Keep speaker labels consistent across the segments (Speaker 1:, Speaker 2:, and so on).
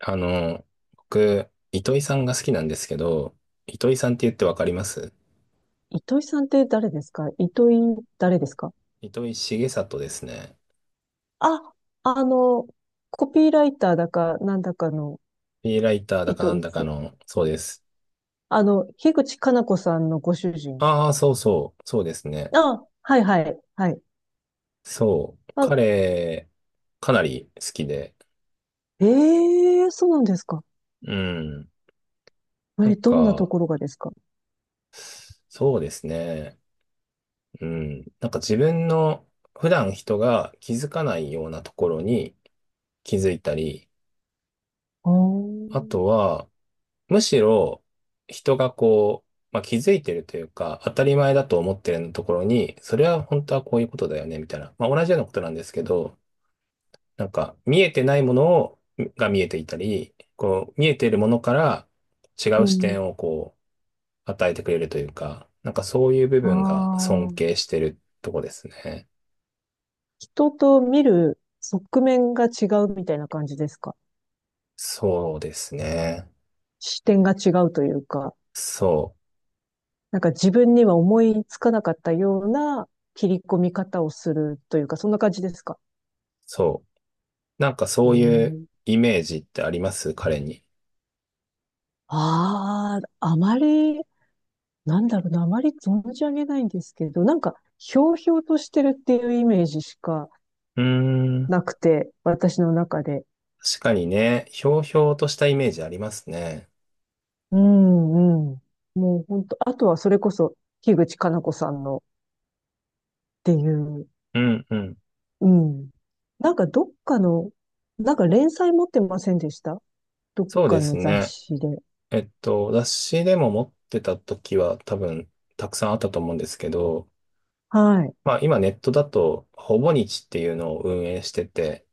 Speaker 1: あの、僕、糸井さんが好きなんですけど、糸井さんって言ってわかります？
Speaker 2: 糸井さんって誰ですか？糸井誰ですか？
Speaker 1: 糸井重里ですね。
Speaker 2: あ、あの、コピーライターだか、なんだかの
Speaker 1: フリーライターだか
Speaker 2: 糸
Speaker 1: なん
Speaker 2: 井
Speaker 1: だか
Speaker 2: さん。
Speaker 1: の、そうです。
Speaker 2: 樋口かな子さんのご主人。
Speaker 1: ああ、そうそう、そうですね。
Speaker 2: あ、はいはい、はい。
Speaker 1: そう。
Speaker 2: あ、
Speaker 1: 彼、かなり好きで、
Speaker 2: ええー、そうなんですか。
Speaker 1: うん。なん
Speaker 2: え、どんなと
Speaker 1: か、
Speaker 2: ころがですか？
Speaker 1: そうですね。うん。なんか自分の普段人が気づかないようなところに気づいたり、
Speaker 2: あー、
Speaker 1: あとは、むしろ人がこう、まあ、気づいてるというか、当たり前だと思ってるところに、それは本当はこういうことだよね、みたいな。まあ、同じようなことなんですけど、なんか見えてないものをが見えていたり、こう見えているものから違
Speaker 2: う
Speaker 1: う視
Speaker 2: ん。
Speaker 1: 点をこう与えてくれるというか、なんかそういう部
Speaker 2: あ
Speaker 1: 分が尊
Speaker 2: あ、
Speaker 1: 敬してるとこですね。
Speaker 2: 人と見る側面が違うみたいな感じですか？
Speaker 1: そうですね。
Speaker 2: 視点が違うというか。
Speaker 1: そう、
Speaker 2: なんか自分には思いつかなかったような切り込み方をするというか、そんな感じですか？
Speaker 1: そう。なんか
Speaker 2: う
Speaker 1: そういう
Speaker 2: ん。
Speaker 1: イメージってあります彼に？
Speaker 2: ああ、あまり、なんだろうな、あまり存じ上げないんですけど、なんか、ひょうひょうとしてるっていうイメージしか
Speaker 1: うーん。
Speaker 2: なくて、私の中で。
Speaker 1: 確かにね、ひょうひょうとしたイメージありますね。
Speaker 2: うんうん。もう本当、あとはそれこそ、樋口かな子さんのっていう、
Speaker 1: うんうん。
Speaker 2: うん。なんかどっかの、なんか連載持ってませんでした？どっ
Speaker 1: そう
Speaker 2: か
Speaker 1: です
Speaker 2: の雑
Speaker 1: ね。
Speaker 2: 誌で。
Speaker 1: 雑誌でも持ってた時は多分たくさんあったと思うんですけど、
Speaker 2: はい。
Speaker 1: まあ今ネットだと、ほぼ日っていうのを運営してて、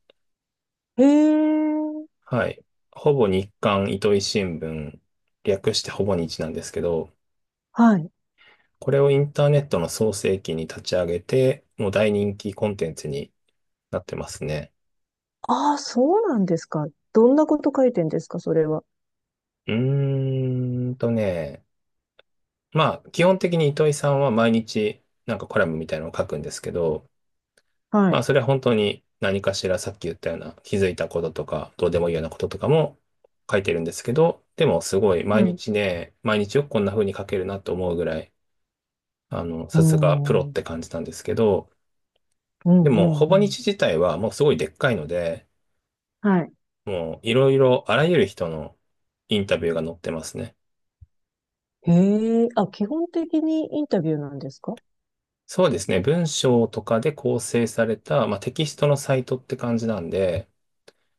Speaker 2: へえ、
Speaker 1: はい。ほぼ日刊糸井新聞、略してほぼ日なんですけど、
Speaker 2: はい。
Speaker 1: これをインターネットの創世記に立ち上げて、もう大人気コンテンツになってますね。
Speaker 2: ああ、そうなんですか。どんなこと書いてんですか、それは。
Speaker 1: うーんとね、まあ、基本的に糸井さんは毎日なんかコラムみたいなのを書くんですけど、
Speaker 2: は
Speaker 1: まあ、
Speaker 2: い。
Speaker 1: それは本当に何かしらさっき言ったような気づいたこととか、どうでもいいようなこととかも書いてるんですけど、でもすごい
Speaker 2: は
Speaker 1: 毎
Speaker 2: い。う
Speaker 1: 日ね、毎日よくこんな風に書けるなと思うぐらい、
Speaker 2: ー
Speaker 1: さすがプロ
Speaker 2: ん。
Speaker 1: っ
Speaker 2: うん、
Speaker 1: て感じなんですけど、
Speaker 2: う
Speaker 1: でも、ほぼ
Speaker 2: ん、うん。
Speaker 1: 日自体はもうすごいでっかいので、
Speaker 2: はい。
Speaker 1: もういろいろあらゆる人のインタビューが載ってますね。
Speaker 2: へえ、あ、基本的にインタビューなんですか？
Speaker 1: そうですね。文章とかで構成された、まあ、テキストのサイトって感じなんで、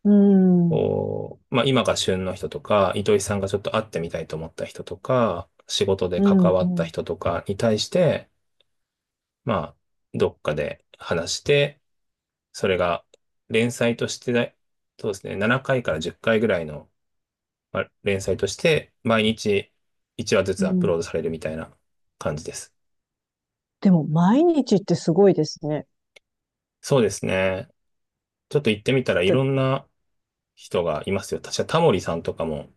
Speaker 2: うーん。
Speaker 1: こう、まあ今が旬の人とか、糸井さんがちょっと会ってみたいと思った人とか、仕事で
Speaker 2: うん、
Speaker 1: 関わ
Speaker 2: う
Speaker 1: った
Speaker 2: ん、
Speaker 1: 人とかに対して、まあ、どっかで話して、それが連載としてだ、そうですね、7回かいから10回ぐらいの、まあ、連載として、毎日1話ず
Speaker 2: う
Speaker 1: つアップ
Speaker 2: ん。
Speaker 1: ロードされるみたいな感じです。
Speaker 2: でも、毎日ってすごいですね。
Speaker 1: そうですね。ちょっと行ってみたらい
Speaker 2: だ
Speaker 1: ろんな人がいますよ。確かタモリさんとかも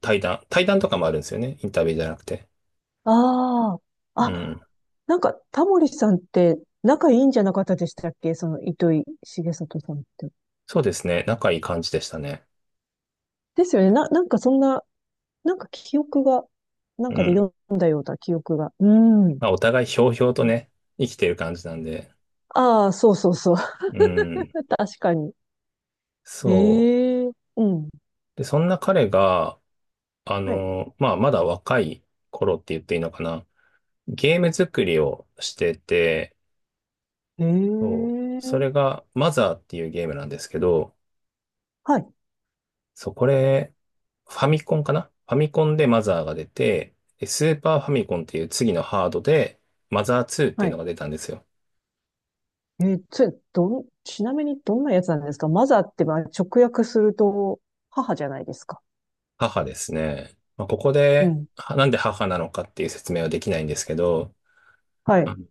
Speaker 1: 対談とかもあるんですよね。インタビューじゃなくて。
Speaker 2: ああ、
Speaker 1: うん。
Speaker 2: あ、なんか、タモリさんって仲いいんじゃなかったでしたっけ？その、糸井重里さんって。
Speaker 1: そうですね。仲いい感じでしたね。
Speaker 2: ですよね。な、なんかそんななんか記憶が、なん
Speaker 1: う
Speaker 2: かで
Speaker 1: ん。
Speaker 2: 読んだような記憶が。うん。
Speaker 1: まあ、お互いひょうひょうとね、生きてる感じなんで。
Speaker 2: ああ、そうそうそう。
Speaker 1: うん。
Speaker 2: 確かに。
Speaker 1: そう。
Speaker 2: ええうん。
Speaker 1: で、そんな彼が、
Speaker 2: はい。
Speaker 1: まあ、まだ若い頃って言っていいのかな。ゲーム作りをしてて、
Speaker 2: え
Speaker 1: そう。それ
Speaker 2: え
Speaker 1: が、マザーっていうゲームなんですけど、
Speaker 2: はい。
Speaker 1: そう、これ、ファミコンかな、ファミコンでマザーが出て、でスーパーファミコンっていう次のハードで、マザー2って
Speaker 2: は
Speaker 1: いうの
Speaker 2: い。
Speaker 1: が出たんですよ。
Speaker 2: えー、それ、どん、ちなみにどんなやつなんですか？マザーって、まあ、直訳すると、母じゃないですか。
Speaker 1: 母ですね。まあ、ここ
Speaker 2: う
Speaker 1: で、
Speaker 2: ん。
Speaker 1: はなんで母なのかっていう説明はできないんですけど、
Speaker 2: は
Speaker 1: あ
Speaker 2: い。
Speaker 1: の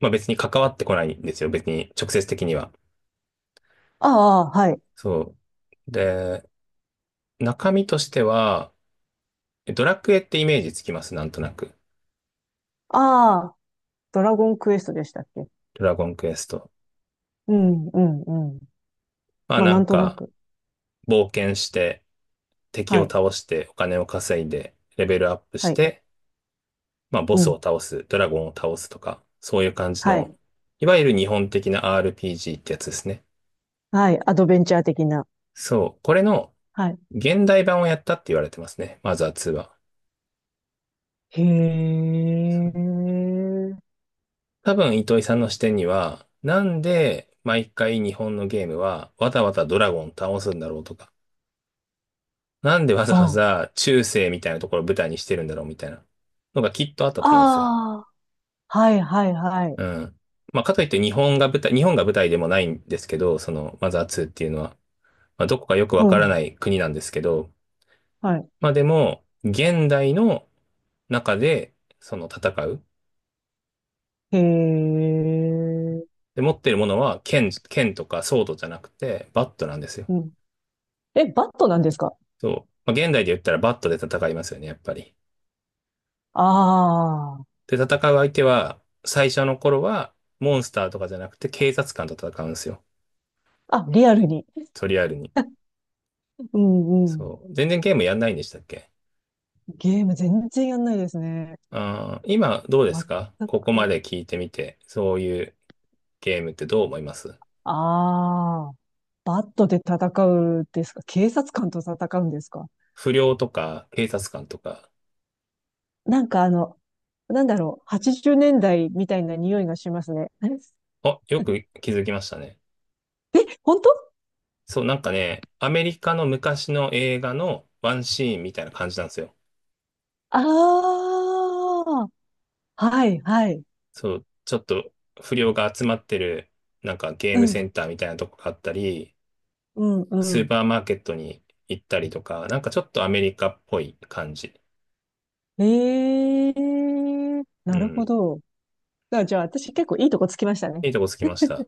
Speaker 1: まあ別に関わってこないんですよ。別に直接的には。
Speaker 2: ああ、はい。
Speaker 1: そう。で、中身としては、ドラクエってイメージつきます？なんとなく。
Speaker 2: ああ、ドラゴンクエストでしたっけ？
Speaker 1: ドラゴンクエスト。
Speaker 2: うん、うん、うん。
Speaker 1: まあ
Speaker 2: まあ、
Speaker 1: な
Speaker 2: なん
Speaker 1: ん
Speaker 2: とな
Speaker 1: か、
Speaker 2: く。
Speaker 1: 冒険して、敵を
Speaker 2: はい。
Speaker 1: 倒して、お金を稼いで、レベルアップ
Speaker 2: は
Speaker 1: し
Speaker 2: い。
Speaker 1: て、まあボ
Speaker 2: う
Speaker 1: スを
Speaker 2: ん。
Speaker 1: 倒す、ドラゴンを倒すとか、そういう感じ
Speaker 2: はい。
Speaker 1: の、いわゆる日本的な RPG ってやつですね。
Speaker 2: はい。アドベンチャー的な。
Speaker 1: そう。これの、
Speaker 2: はい。
Speaker 1: 現代版をやったって言われてますね。マザー2は。
Speaker 2: へえ。
Speaker 1: 多分、糸井さんの視点には、なんで毎回日本のゲームはわざわざドラゴン倒すんだろうとか、なんでわざ
Speaker 2: は
Speaker 1: わざ中世みたいなところを舞台にしてるんだろうみたいなのがきっとあった
Speaker 2: あ。
Speaker 1: と思うんですよ。
Speaker 2: ああ。はいはいはい。
Speaker 1: うん。まあ、かといって日本が舞台でもないんですけど、そのマザー2っていうのは、まあ、どこかよくわ
Speaker 2: う
Speaker 1: から
Speaker 2: ん。
Speaker 1: ない国なんですけど、
Speaker 2: はい。
Speaker 1: まあでも、現代の中でその戦う。
Speaker 2: へえ。
Speaker 1: で、持っているものは剣とかソードじゃなくて、バットなんですよ。
Speaker 2: うん。え、バットなんですか？
Speaker 1: そう。まあ、現代で言ったらバットで戦いますよね、やっぱり。
Speaker 2: あ
Speaker 1: で、戦う相手は、最初の頃は、モンスターとかじゃなくて、警察官と戦うんですよ。
Speaker 2: あ。あ、リアルに。
Speaker 1: とりあえずに。
Speaker 2: うんうん。
Speaker 1: そう。全然ゲームやんないんでしたっけ？
Speaker 2: ゲーム全然やんないですね。
Speaker 1: あー、今、どうです
Speaker 2: 全
Speaker 1: か、ここま
Speaker 2: く。
Speaker 1: で聞いてみて、そういうゲームってどう思います？
Speaker 2: ああ。バットで戦うんですか？警察官と戦うんですか？
Speaker 1: 不良とか、警察官とか。
Speaker 2: なんかあの、なんだろう。80年代みたいな匂いがしますね。
Speaker 1: あ、よく気づきましたね。
Speaker 2: え本当？
Speaker 1: そう、なんかね、アメリカの昔の映画のワンシーンみたいな感じなんですよ。
Speaker 2: ああ、はい、はい。
Speaker 1: そう、ちょっと不良が集まってる、なんかゲー
Speaker 2: う
Speaker 1: ム
Speaker 2: ん、
Speaker 1: センターみたいなとこがあったり、
Speaker 2: うん、
Speaker 1: スー
Speaker 2: う
Speaker 1: パーマーケットに行ったりとか、なんかちょっとアメリカっぽい感じ。
Speaker 2: ん。ええ
Speaker 1: う
Speaker 2: なるほ
Speaker 1: ん。
Speaker 2: ど。だじゃあ、私結構いいとこつきましたね。
Speaker 1: いいとこつきました。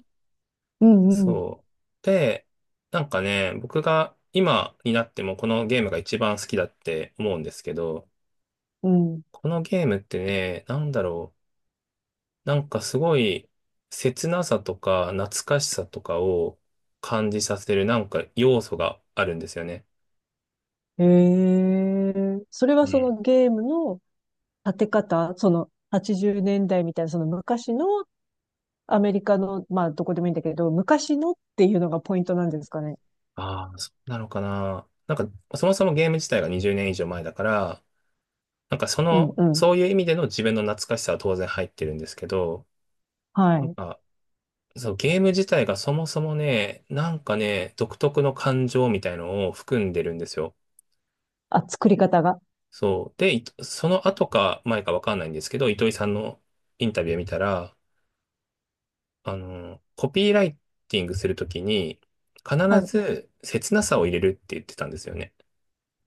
Speaker 2: うん、うん、
Speaker 1: そう。で、なんかね、僕が今になってもこのゲームが一番好きだって思うんですけど、
Speaker 2: うん。
Speaker 1: このゲームってね、なんだろう。なんかすごい切なさとか懐かしさとかを感じさせるなんか要素があるんですよね。
Speaker 2: ええそれは
Speaker 1: う
Speaker 2: そ
Speaker 1: ん。
Speaker 2: のゲームの立て方、その80年代みたいな、その昔のアメリカの、まあ、どこでもいいんだけど、昔のっていうのがポイントなんですかね。
Speaker 1: ああ、そうなのかな。なんか、そもそもゲーム自体が20年以上前だから、なんかそ
Speaker 2: うん、
Speaker 1: の、
Speaker 2: うん。
Speaker 1: そういう意味での自分の懐かしさは当然入ってるんですけど、
Speaker 2: は
Speaker 1: なん
Speaker 2: い。
Speaker 1: か、そう、ゲーム自体がそもそもね、なんかね、独特の感情みたいのを含んでるんですよ。
Speaker 2: あ、作り方が。
Speaker 1: そう。で、いその後か前かわかんないんですけど、糸井さんのインタビューを見たら、コピーライティングするときに、必
Speaker 2: はい。
Speaker 1: ず切なさを入れるって言ってたんですよね。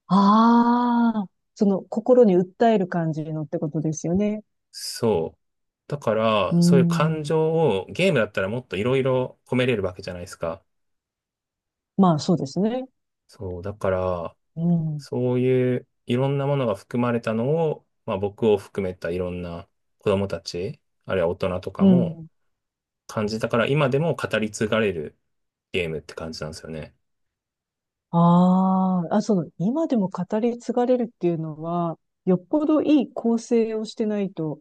Speaker 2: ああ、その心に訴える感じのってことですよね。
Speaker 1: そう。だか
Speaker 2: うー
Speaker 1: ら、そういう感
Speaker 2: ん。
Speaker 1: 情をゲームだったらもっといろいろ込めれるわけじゃないですか。
Speaker 2: まあそうですね。
Speaker 1: そう。だから、
Speaker 2: うん。
Speaker 1: そういういろんなものが含まれたのを、まあ僕を含めたいろんな子供たち、あるいは大人と
Speaker 2: う
Speaker 1: かも
Speaker 2: ん。
Speaker 1: 感じたから、今でも語り継がれるゲームって感じなんですよね。
Speaker 2: ああ、あ、その、今でも語り継がれるっていうのは、よっぽどいい構成をしてないと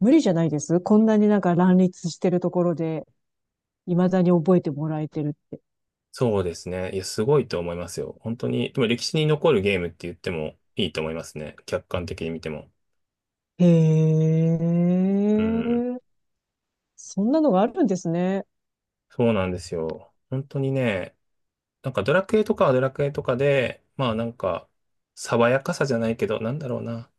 Speaker 2: 無理じゃないですこんなになんか乱立してるところで、未だに覚えてもらえてるって。
Speaker 1: そうですね。いや、すごいと思いますよ。本当に、でも歴史に残るゲームって言ってもいいと思いますね。客観的に見ても。
Speaker 2: へ
Speaker 1: うん。
Speaker 2: え、そんなのがあるんですね。
Speaker 1: そうなんですよ。本当にね、なんかドラクエとかはドラクエとかで、まあなんか、爽やかさじゃないけど、なんだろうな。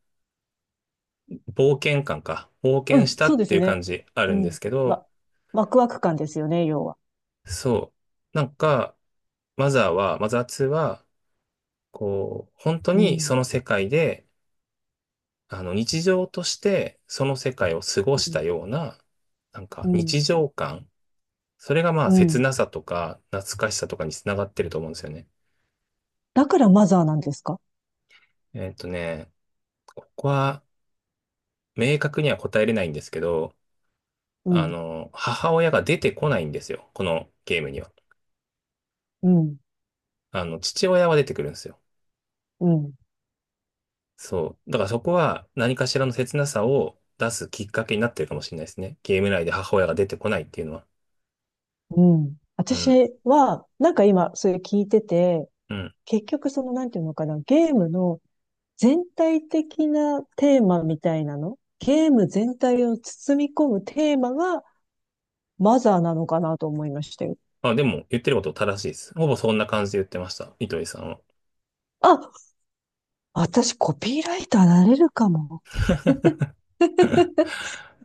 Speaker 1: 冒険感か。冒
Speaker 2: う
Speaker 1: 険し
Speaker 2: ん、
Speaker 1: た
Speaker 2: そう
Speaker 1: っ
Speaker 2: で
Speaker 1: て
Speaker 2: す
Speaker 1: いう
Speaker 2: ね。
Speaker 1: 感じある
Speaker 2: う
Speaker 1: んで
Speaker 2: ん。
Speaker 1: すけど、
Speaker 2: わ、ワクワク感ですよね、要は。
Speaker 1: そう。なんか、マザーは、マザー2は、こう、本当
Speaker 2: う
Speaker 1: に
Speaker 2: ん。
Speaker 1: その世界で、日常としてその世界を過ごし
Speaker 2: うん、
Speaker 1: たような、なん
Speaker 2: う
Speaker 1: か
Speaker 2: ん、
Speaker 1: 日常感。それがまあ
Speaker 2: う
Speaker 1: 切
Speaker 2: ん。
Speaker 1: なさとか懐かしさとかにつながってると思うんですよね。
Speaker 2: だからマザーなんですか？
Speaker 1: えっとね、ここは明確には答えれないんですけど、
Speaker 2: うん、
Speaker 1: 母親が出てこないんですよ。このゲームには。
Speaker 2: うん、
Speaker 1: 父親は出てくるんですよ。
Speaker 2: うん、
Speaker 1: そう。だからそこは何かしらの切なさを出すきっかけになってるかもしれないですね。ゲーム内で母親が出てこないっていうのは。
Speaker 2: うん。
Speaker 1: う
Speaker 2: 私
Speaker 1: ん。
Speaker 2: は、なんか今、それ聞いてて、
Speaker 1: うん。
Speaker 2: 結局その、なんていうのかな、ゲームの全体的なテーマみたいなのゲーム全体を包み込むテーマがマザーなのかなと思いましたよ。
Speaker 1: あ、でも言ってること正しいです。ほぼそんな感じで言ってました。糸井さんは。
Speaker 2: あ、私コピーライターなれるかも。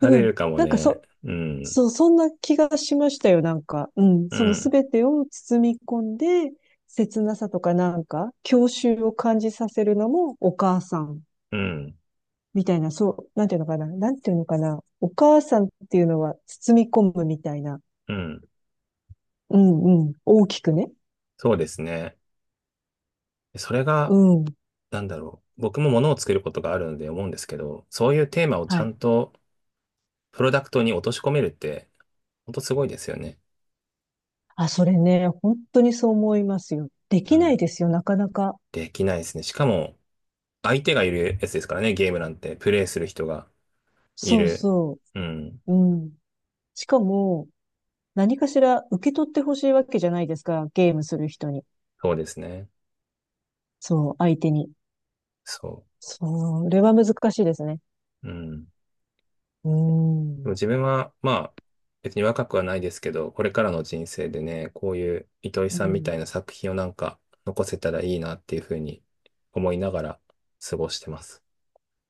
Speaker 1: なれ
Speaker 2: うん。
Speaker 1: るかも
Speaker 2: なんか
Speaker 1: ね。
Speaker 2: そ、
Speaker 1: うん。
Speaker 2: そう、そんな気がしましたよ、なんか。うん。
Speaker 1: う
Speaker 2: そのす
Speaker 1: ん。
Speaker 2: べてを包み込んで、切なさとかなんか、郷愁を感じさせるのもお母さん
Speaker 1: うん。
Speaker 2: みたいな、そう、なんていうのかな、なんていうのかな、お母さんっていうのは包み込むみたいな。
Speaker 1: うん。
Speaker 2: うんうん。大きくね。
Speaker 1: そうですね。それ
Speaker 2: う
Speaker 1: が、
Speaker 2: ん。
Speaker 1: なんだろう。僕も物を作ることがあるので思うんですけど、そういうテーマをち
Speaker 2: は
Speaker 1: ゃ
Speaker 2: い。
Speaker 1: んとプロダクトに落とし込めるって、ほんとすごいですよね。
Speaker 2: あ、それね、本当にそう思いますよ。で
Speaker 1: う
Speaker 2: きない
Speaker 1: ん。
Speaker 2: ですよ、なかなか。
Speaker 1: できないですね。しかも、相手がいるやつですからね、ゲームなんて。プレイする人がい
Speaker 2: そう
Speaker 1: る。
Speaker 2: そ
Speaker 1: うん。
Speaker 2: う。うん。しかも、何かしら受け取ってほしいわけじゃないですか、ゲームする人に。
Speaker 1: そうですね。
Speaker 2: そう、相手に。
Speaker 1: そ
Speaker 2: それは難しいですね。
Speaker 1: う。うん。で
Speaker 2: うー
Speaker 1: も
Speaker 2: ん。
Speaker 1: 自分は、まあ、別に若くはないですけど、これからの人生でね、こういう糸井
Speaker 2: う
Speaker 1: さんみた
Speaker 2: ん。
Speaker 1: いな作品をなんか残せたらいいなっていうふうに思いながら過ごしてます。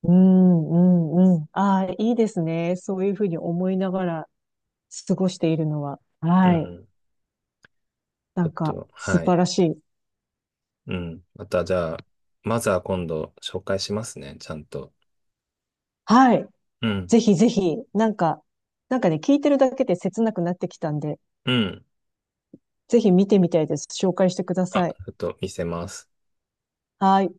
Speaker 2: うん、うん、うん。ああ、いいですね。そういうふうに思いながら過ごしているのは。
Speaker 1: う
Speaker 2: はい。
Speaker 1: ん。
Speaker 2: な
Speaker 1: ちょっ
Speaker 2: んか、
Speaker 1: と、
Speaker 2: 素
Speaker 1: は
Speaker 2: 晴
Speaker 1: い。
Speaker 2: らしい。
Speaker 1: うん。またじゃあ、まずは今度紹介しますね、ちゃんと。
Speaker 2: はい。
Speaker 1: うん。
Speaker 2: ぜひぜひ、なんか、なんかね、聞いてるだけで切なくなってきたんで、
Speaker 1: うん。
Speaker 2: ぜひ見てみたいです。紹介してくだ
Speaker 1: あ、
Speaker 2: さい。
Speaker 1: ちょっと見せます。
Speaker 2: はい。